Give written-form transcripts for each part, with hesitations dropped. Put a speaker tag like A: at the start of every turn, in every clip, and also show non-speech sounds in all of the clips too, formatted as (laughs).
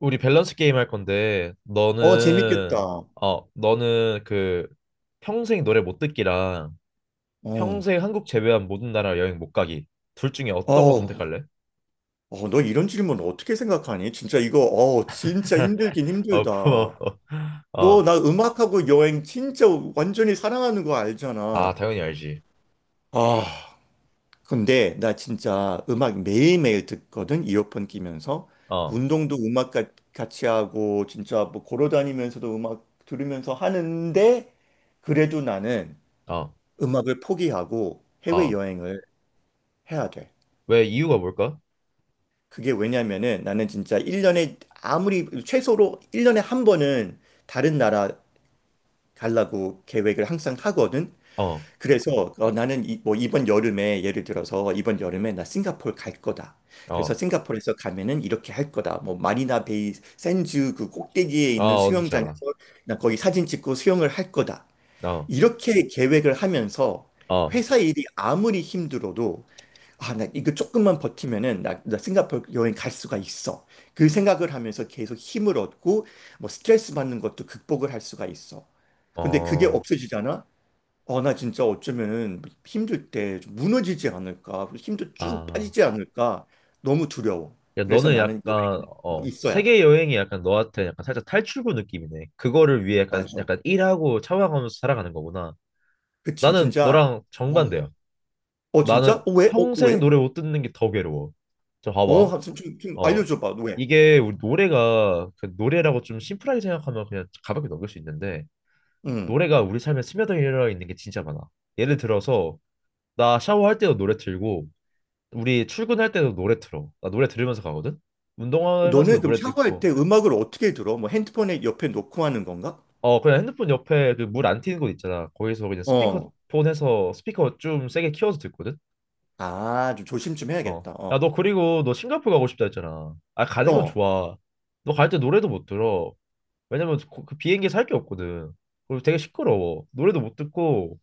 A: 우리 밸런스 게임 할 건데
B: 어, 재밌겠다.
A: 너는 어 너는 그 평생 노래 못 듣기랑 평생 한국 제외한 모든 나라 여행 못 가기 둘 중에 어떤 거
B: 어,
A: 선택할래?
B: 너 이런 질문 어떻게 생각하니? 진짜 이거, 진짜
A: (laughs)
B: 힘들긴
A: 어, 고마워.
B: 힘들다. 너
A: 어.
B: 나 음악하고 여행 진짜 완전히 사랑하는 거
A: 아,
B: 알잖아.
A: 당연히 알지.
B: 아, 근데 나 진짜 음악 매일매일 듣거든, 이어폰 끼면서.
A: 어.
B: 운동도 음악 같이 하고, 진짜 뭐 걸어다니면서도 음악 들으면서 하는데, 그래도 나는
A: 어.
B: 음악을 포기하고
A: 어.
B: 해외여행을 해야 돼.
A: 왜 이유가 뭘까?
B: 그게 왜냐면은 나는 진짜 1년에 아무리 최소로 1년에 한 번은 다른 나라 가려고 계획을 항상 하거든.
A: 어.
B: 그래서 나는 뭐 이번 여름에 예를 들어서 이번 여름에 나 싱가포르 갈 거다. 그래서
A: 어.
B: 싱가포르에서 가면은 이렇게 할 거다. 뭐 마리나 베이 샌즈 그 꼭대기에
A: 아,
B: 있는
A: 어딘지
B: 수영장에서
A: 알아.
B: 나 거기 사진 찍고 수영을 할 거다.
A: 어.
B: 이렇게 계획을 하면서
A: 어.
B: 회사 일이 아무리 힘들어도 아, 나 이거 조금만 버티면은 나 싱가포르 여행 갈 수가 있어. 그 생각을 하면서 계속 힘을 얻고 뭐 스트레스 받는 것도 극복을 할 수가 있어. 근데 그게
A: 어.
B: 없어지잖아? 나 진짜 어쩌면 힘들 때좀 무너지지 않을까? 힘도 쭉
A: 아.
B: 빠지지 않을까? 너무 두려워.
A: 야,
B: 그래서
A: 너는
B: 나는
A: 약간
B: 여행 있어야 돼.
A: 세계 여행이 약간 너한테 약간 살짝 탈출구 느낌이네. 그거를 위해 약간
B: 맞아.
A: 약간 일하고 참아가면서 살아가는 거구나.
B: 그치,
A: 나는
B: 진짜.
A: 너랑
B: 어,
A: 정반대야.
B: 어 진짜?
A: 나는
B: 어, 왜? 어,
A: 평생
B: 왜?
A: 노래 못 듣는 게 더 괴로워. 저 봐봐.
B: 좀
A: 어
B: 알려줘봐, 왜?
A: 이게 우리 노래가 그 노래라고 좀 심플하게 생각하면 그냥 가볍게 넘길 수 있는데
B: 응.
A: 노래가 우리 삶에 스며들어 있는 게 진짜 많아. 예를 들어서 나 샤워할 때도 노래 틀고 우리 출근할 때도 노래 틀어. 나 노래 들으면서 가거든.
B: 너는
A: 운동하면서도
B: 그럼
A: 노래
B: 샤워할
A: 듣고.
B: 때 음악을 어떻게 들어? 뭐 핸드폰에 옆에 놓고 하는 건가?
A: 어, 그냥 핸드폰 옆에 그 물 안 튀는 곳 있잖아. 거기서 그냥
B: 어.
A: 스피커폰 해서 스피커 좀 세게 키워서 듣거든.
B: 아, 좀 조심 좀
A: 어.
B: 해야겠다.
A: 야,
B: 어.
A: 너 그리고 너 싱가포르 가고 싶다 했잖아. 아, 가는 건
B: 어.
A: 좋아. 너 갈 때 노래도 못 들어. 왜냐면 그 비행기에서 할 게 없거든. 그리고 되게 시끄러워. 노래도 못 듣고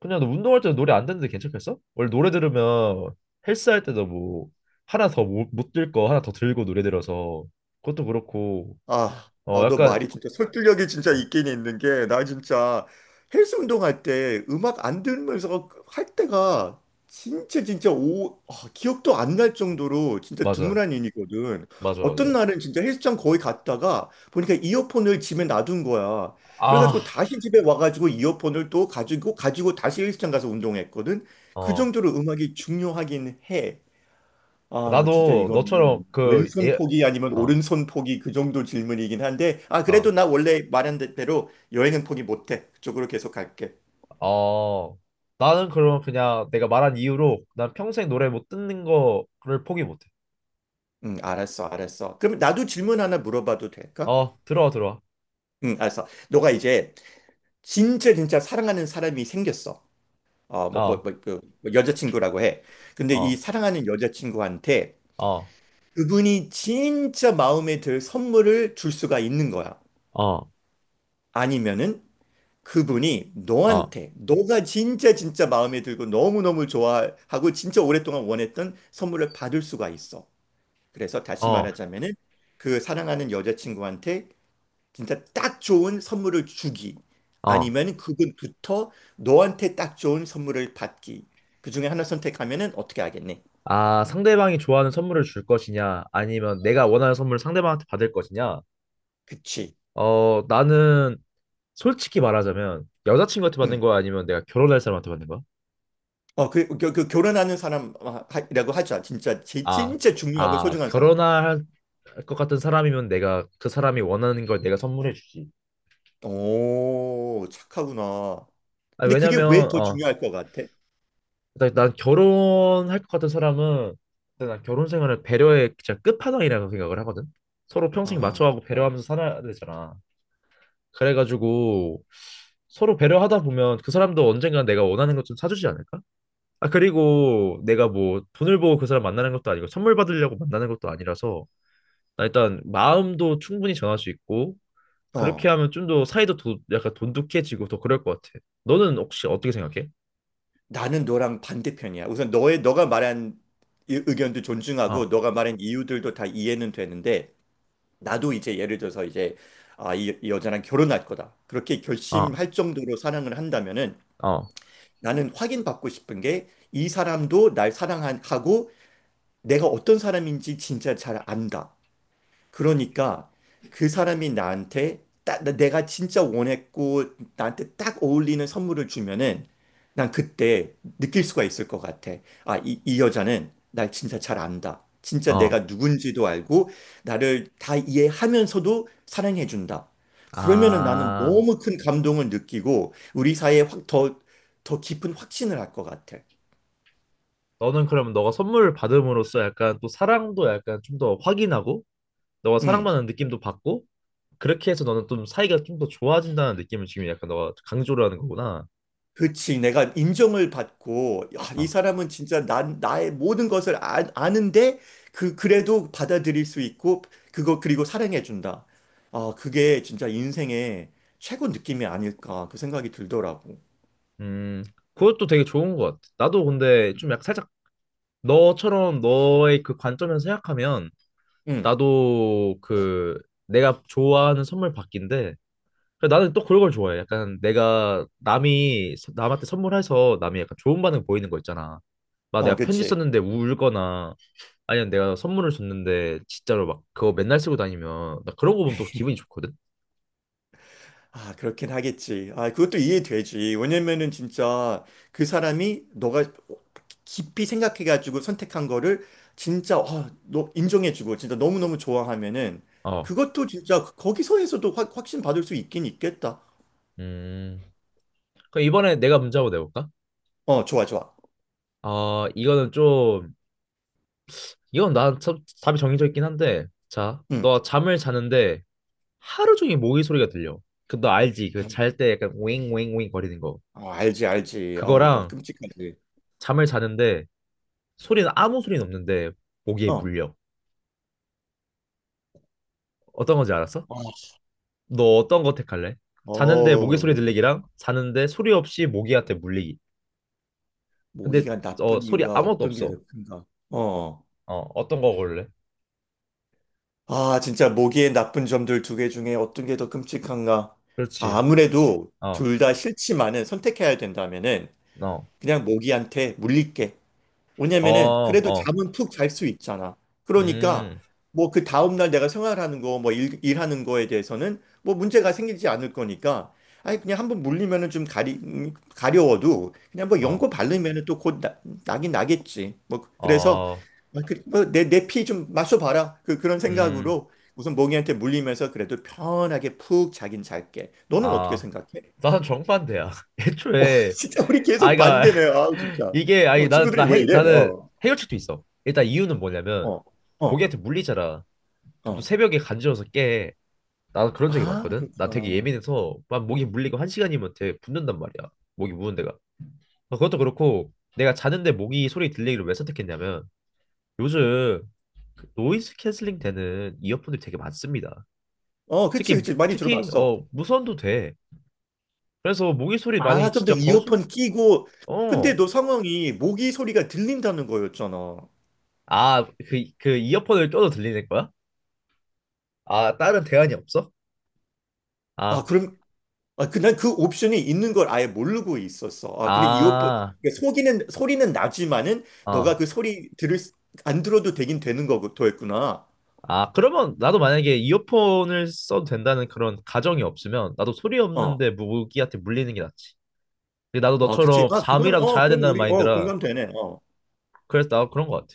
A: 그냥 너 운동할 때도 노래 안 듣는데 괜찮겠어? 원래 노래 들으면 헬스 할 때도 뭐 하나 더 못 들 거 하나 더 들고 노래 들어서 그것도 그렇고
B: 너
A: 약간,
B: 말이 진짜 설득력이 진짜
A: 어,
B: 있긴 있는 게,
A: 야,
B: 나 진짜 헬스 운동할 때 음악 안 들으면서 할 때가 진짜 진짜 기억도 안 날 정도로 진짜
A: 맞아,
B: 드문한 일이거든.
A: 맞아,
B: 어떤
A: 맞아,
B: 날은 진짜 헬스장 거의 갔다가 보니까 이어폰을 집에 놔둔 거야.
A: 아
B: 그래가지고 다시 집에 와가지고 이어폰을 또 가지고 다시 헬스장 가서 운동했거든. 그
A: 어
B: 정도로 음악이 중요하긴 해. 아, 진짜
A: 나도 너처럼
B: 이거는 왼손
A: 예,
B: 포기 아니면
A: 어,
B: 오른손 포기 그 정도 질문이긴 한데, 아,
A: 어,
B: 그래도 나 원래 말한 대로 여행은 포기 못해. 그쪽으로 계속 갈게.
A: 어. 나는 그럼 그냥 내가 말한 이유로 난 평생 노래 못 듣는 거를 포기 못해.
B: 응, 알았어, 알았어. 그럼 나도 질문 하나 물어봐도 될까?
A: 어, 들어와, 들어와.
B: 응, 알았어. 너가 이제 진짜 진짜 사랑하는 사람이 생겼어.
A: 어,
B: 뭐 여자친구라고 해. 근데 이
A: 어,
B: 사랑하는 여자친구한테
A: 어,
B: 그분이 진짜 마음에 들 선물을 줄 수가 있는 거야.
A: 어,
B: 아니면은 그분이
A: 어,
B: 너한테 너가 진짜 진짜 마음에 들고 너무너무 좋아하고 진짜 오랫동안 원했던 선물을 받을 수가 있어. 그래서 다시
A: 어,
B: 말하자면은 그 사랑하는 여자친구한테 진짜 딱 좋은 선물을 주기
A: 어.
B: 아니면 그분부터 너한테 딱 좋은 선물을 받기. 그 중에 하나 선택하면은 어떻게 하겠니?
A: 아, 상대방이 좋아하는 선물을 줄 것이냐, 아니면 내가 원하는 선물을 상대방한테 받을 것이냐.
B: 그치.
A: 어, 나는 솔직히 말하자면 여자친구한테 받는
B: 응.
A: 거야, 아니면 내가 결혼할 사람한테 받는 거야?
B: 그 결혼하는 사람이라고 하자. 진짜
A: 아,
B: 진짜 중요하고 소중한 사람.
A: 결혼할 것 같은 사람이면 내가 그 사람이 원하는 걸 내가 선물해 주지.
B: 오, 착하구나.
A: 아,
B: 근데 그게
A: 왜냐면,
B: 왜 더 중요할 것 같아?
A: 일단 난 결혼할 것 같은 사람은 일단 난 결혼 생활을 배려의 진짜 끝판왕이라고 생각을 하거든. 서로 평생
B: 아,
A: 맞춰가고
B: 아.
A: 배려하면서 살아야 되잖아. 그래가지고 서로 배려하다 보면 그 사람도 언젠가 내가 원하는 것 좀 사주지 않을까? 아, 그리고 내가 뭐 돈을 보고 그 사람 만나는 것도 아니고 선물 받으려고 만나는 것도 아니라서 나 일단 마음도 충분히 전할 수 있고 그렇게
B: 어,
A: 하면 좀 더 사이도, 약간 돈독해지고 더 그럴 것 같아. 너는 혹시 어떻게 생각해?
B: 나는 너랑 반대편이야. 우선 너의 너가 말한 의견도 존중하고
A: 어,
B: 너가 말한 이유들도 다 이해는 되는데 나도 이제 예를 들어서 이제 아, 이 여자랑 결혼할 거다. 그렇게
A: 어,
B: 결심할 정도로 사랑을 한다면은
A: 어,
B: 나는 확인받고 싶은 게 이 사람도 날 사랑하고 내가 어떤 사람인지 진짜 잘 안다. 그러니까 그 사람이 나한테 딱 내가 진짜 원했고 나한테 딱 어울리는 선물을 주면은 난 그때 느낄 수가 있을 것 같아. 아, 이 여자는 날 진짜 잘 안다. 진짜 내가
A: 어.
B: 누군지도 알고 나를 다 이해하면서도 사랑해준다. 그러면은 나는
A: 아,
B: 너무 큰 감동을 느끼고 우리 사이에 확 더 깊은 확신을 할 것 같아.
A: 너는 그러면 너가 선물을 받음으로써 약간 또 사랑도 약간 좀 더 확인하고 너가
B: 음.
A: 사랑받는 느낌도 받고 그렇게 해서 너는 좀 사이가 좀 더 좋아진다는 느낌을 지금 약간 너가 강조를 하는 거구나.
B: 그치. 내가 인정을 받고, 야, 이
A: 어,
B: 사람은 진짜 나의 모든 것을 아는데, 그래도 받아들일 수 있고, 그리고 사랑해준다. 아, 그게 진짜 인생의 최고 느낌이 아닐까, 그 생각이 들더라고.
A: 음, 그것도 되게 좋은 것 같아. 나도 근데 좀 약간 살짝 너처럼 너의 그 관점에서 생각하면
B: 응.
A: 나도 내가 좋아하는 선물 받기인데 그래, 나는 또 그런 걸 좋아해. 약간 내가 남한테 선물해서 남이 약간 좋은 반응 보이는 거 있잖아. 막 내가 편지
B: 그치.
A: 썼는데 울거나 아니면 내가 선물을 줬는데 진짜로 막 그거 맨날 쓰고 다니면 나 그런 거 보면 또 기분이 좋거든.
B: 아, 그렇긴 하겠지. 아, 그것도 이해되지. 왜냐면은 진짜 그 사람이 너가 깊이 생각해가지고 선택한 거를 진짜, 너 인정해주고 진짜 너무너무 좋아하면은
A: 어.
B: 그것도 진짜 거기서에서도 확신 받을 수 있긴 있겠다.
A: 음. 그럼 이번에 내가 문제 한번 내볼까?
B: 어, 좋아, 좋아.
A: 어, 이거는 좀 이건 답이 정해져 있긴 한데 자,
B: 응.
A: 너 잠을 자는데 하루 종일 모기 소리가 들려. 그 너 알지? 그 잘 때 약간 윙윙윙 거리는 거.
B: 어, 알지, 알지. 어우, 너무
A: 그거랑
B: 끔찍하지.
A: 잠을 자는데 소리는 아무 소리는 없는데 모기에
B: 어.
A: 물려. 어떤 건지 알았어?
B: 어,
A: 너 어떤 거 택할래? 자는데 모기 소리
B: 어우,
A: 들리기랑 자는데 소리 없이 모기한테 물리기. 근데
B: 모기가 나쁜
A: 소리
B: 이유가
A: 아무것도
B: 어떤 게
A: 없어.
B: 더 큰가? 어.
A: 어, 어떤 거 고를래?
B: 아, 진짜 모기의 나쁜 점들 두 개 중에 어떤 게 더 끔찍한가? 아,
A: 그렇지.
B: 아무래도
A: 어,
B: 둘 다 싫지만은 선택해야 된다면은
A: 어,
B: 그냥 모기한테 물릴게.
A: 어,
B: 왜냐면은 그래도
A: 어,
B: 잠은 푹 잘 수 있잖아. 그러니까
A: 음,
B: 뭐 그 다음날 내가 생활하는 거, 뭐 일하는 거에 대해서는 뭐 문제가 생기지 않을 거니까 아니 그냥 한번 물리면은 좀 가리 가려워도 그냥 뭐
A: 어,
B: 연고 바르면은 또 곧 나긴 나겠지. 뭐 그래서
A: 어,
B: 뭐내내 피 좀 마셔봐라. 그런
A: 음,
B: 생각으로 우선 모기한테 물리면서 그래도 편하게 푹 자긴 잘게. 너는 어떻게
A: 아,
B: 생각해?
A: 나는 정반대야. (laughs)
B: 어
A: 애초에
B: (laughs) 진짜 우리
A: 아,
B: 계속
A: 그러니까
B: 반대네. 아
A: (laughs)
B: 진짜.
A: 이게 아니
B: 어
A: 나나
B: 친구들이 왜
A: 해,
B: 이래?
A: 나는
B: 어
A: 해결책도 있어. 일단 이유는 뭐냐면
B: 어. 어.
A: 모기한테 물리잖아. 그럼 또
B: 어.
A: 새벽에 간지러워서 깨. 나도 그런 적이
B: 아,
A: 많거든. 나 되게
B: 그렇구나.
A: 예민해서 막 모기 물리고 한 시간이면 되게 붓는단 말이야. 모기 무는 데가. 어, 그것도 그렇고 내가 자는데 모기 소리 들리기를 왜 선택했냐면 요즘 그 노이즈 캔슬링 되는 이어폰들이 되게 많습니다.
B: 어,
A: 특히
B: 그치,
A: 무-
B: 그치. 많이
A: 특히
B: 들어봤어.
A: 무선도 돼. 그래서 모기 소리 만약에
B: 아, 그럼 너
A: 진짜 거슬
B: 이어폰 끼고, 근데
A: 어
B: 너 상황이 모기 소리가 들린다는 거였잖아.
A: 아 그 그 이어폰을 껴도 들리는 거야? 아, 다른 대안이 없어?
B: 아,
A: 아,
B: 그럼, 난 그 옵션이 있는 걸 아예 모르고 있었어. 아, 근데 이어폰,
A: 아,
B: 그러니까 속이는, 소리는 나지만은, 너가
A: 어.
B: 그 소리 안 들어도 되긴 되는 거였구나.
A: 아, 그러면 나도 만약에 이어폰을 써도 된다는 그런 가정이 없으면 나도 소리
B: 어.
A: 없는데 무기한테 물리는 게 낫지. 근데 나도
B: 아, 그치.
A: 너처럼
B: 아, 그건,
A: 잠이라도
B: 어,
A: 자야
B: 그건
A: 된다는
B: 우리,
A: 마인드라
B: 공감되네. 어.
A: 그래서 나도 그런 것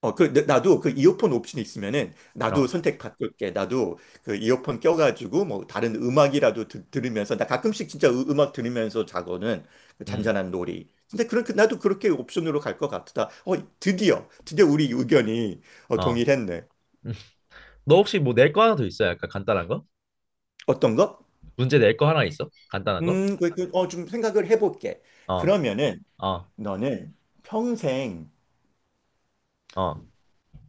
B: 나도 그 이어폰 옵션이 있으면은,
A: 같아.
B: 나도
A: 어,
B: 선택 바꿀게. 나도 그 이어폰 껴가지고, 뭐, 다른 음악이라도 들으면서, 나 가끔씩 진짜 음악 들으면서 자거든. 그
A: 음,
B: 잔잔한 놀이. 근데 그런, 나도 그렇게 옵션으로 갈 것 같다. 드디어, 드디어 우리 의견이
A: 어.
B: 동일했네.
A: (laughs) 너 혹시 뭐 낼 거 하나 더 있어? 약간 간단한 거?
B: 어떤 거?
A: 문제 낼 거 하나 있어? 간단한 거?
B: 좀 생각을 해볼게.
A: 어,
B: 그러면은,
A: 어,
B: 너는 평생,
A: 어,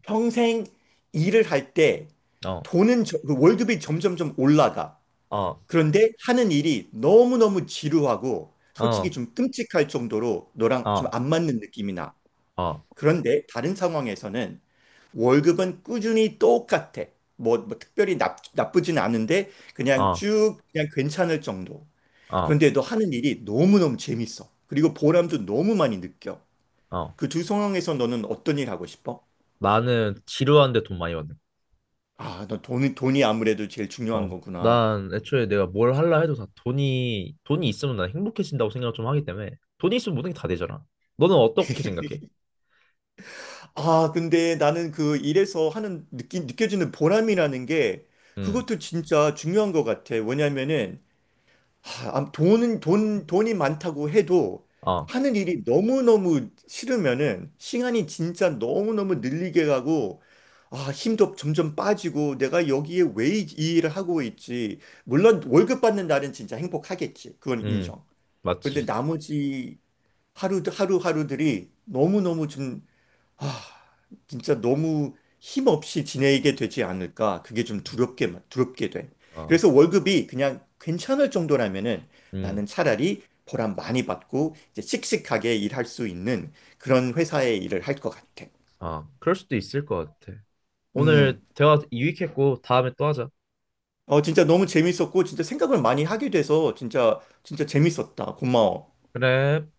B: 평생 일을 할 때,
A: 어,
B: 돈은, 그 월급이 점점점 올라가.
A: 어,
B: 그런데 하는 일이 너무너무 지루하고 솔직히
A: 어,
B: 좀 끔찍할 정도로
A: 어,
B: 너랑 좀
A: 어,
B: 안 맞는 느낌이 나.
A: 어,
B: 그런데 다른 상황에서는 월급은 꾸준히 똑같아. 뭐 특별히 나쁘진 않은데 그냥 쭉 그냥 괜찮을 정도.
A: 어,
B: 그런데 너 하는 일이 너무너무 재밌어. 그리고 보람도 너무 많이 느껴.
A: 어.
B: 그 두 상황에서 너는 어떤 일 하고 싶어?
A: 나는 지루한데 돈 많이 받는.
B: 아, 너 돈이 아무래도 제일 중요한 거구나.
A: 난 애초에 내가 뭘 할라 해도 다 돈이 있으면 난 행복해진다고 생각을 좀 하기 때문에 돈이 있으면 모든 게 다 되잖아. 너는 어떻게 생각해?
B: 아, 근데 나는 그 일에서 하는 느껴지는 보람이라는 게
A: 음,
B: 그것도 진짜 중요한 것 같아. 왜냐면은 돈은 돈 돈이 많다고 해도
A: 아,
B: 하는 일이 너무너무 싫으면은 시간이 진짜 너무너무 늘리게 가고 아, 힘도 점점 빠지고 내가 여기에 왜 이 일을 하고 있지? 물론 월급 받는 날은 진짜 행복하겠지. 그건
A: 음,
B: 인정. 그런데
A: 맞지.
B: 나머지 하루 하루하루들이 너무너무 좀 아, 진짜 너무 힘없이 지내게 되지 않을까. 그게 좀 두렵게, 두렵게 돼.
A: 아,
B: 그래서 월급이 그냥 괜찮을 정도라면은 나는
A: 음,
B: 차라리 보람 많이 받고 이제 씩씩하게 일할 수 있는 그런 회사의 일을 할 것 같아.
A: 아, 그럴 수도 있을 것 같아. 오늘
B: 음.
A: 대화 유익했고 다음에 또 하자.
B: 진짜 너무 재밌었고, 진짜 생각을 많이 하게 돼서 진짜, 진짜 재밌었다. 고마워.
A: 그래.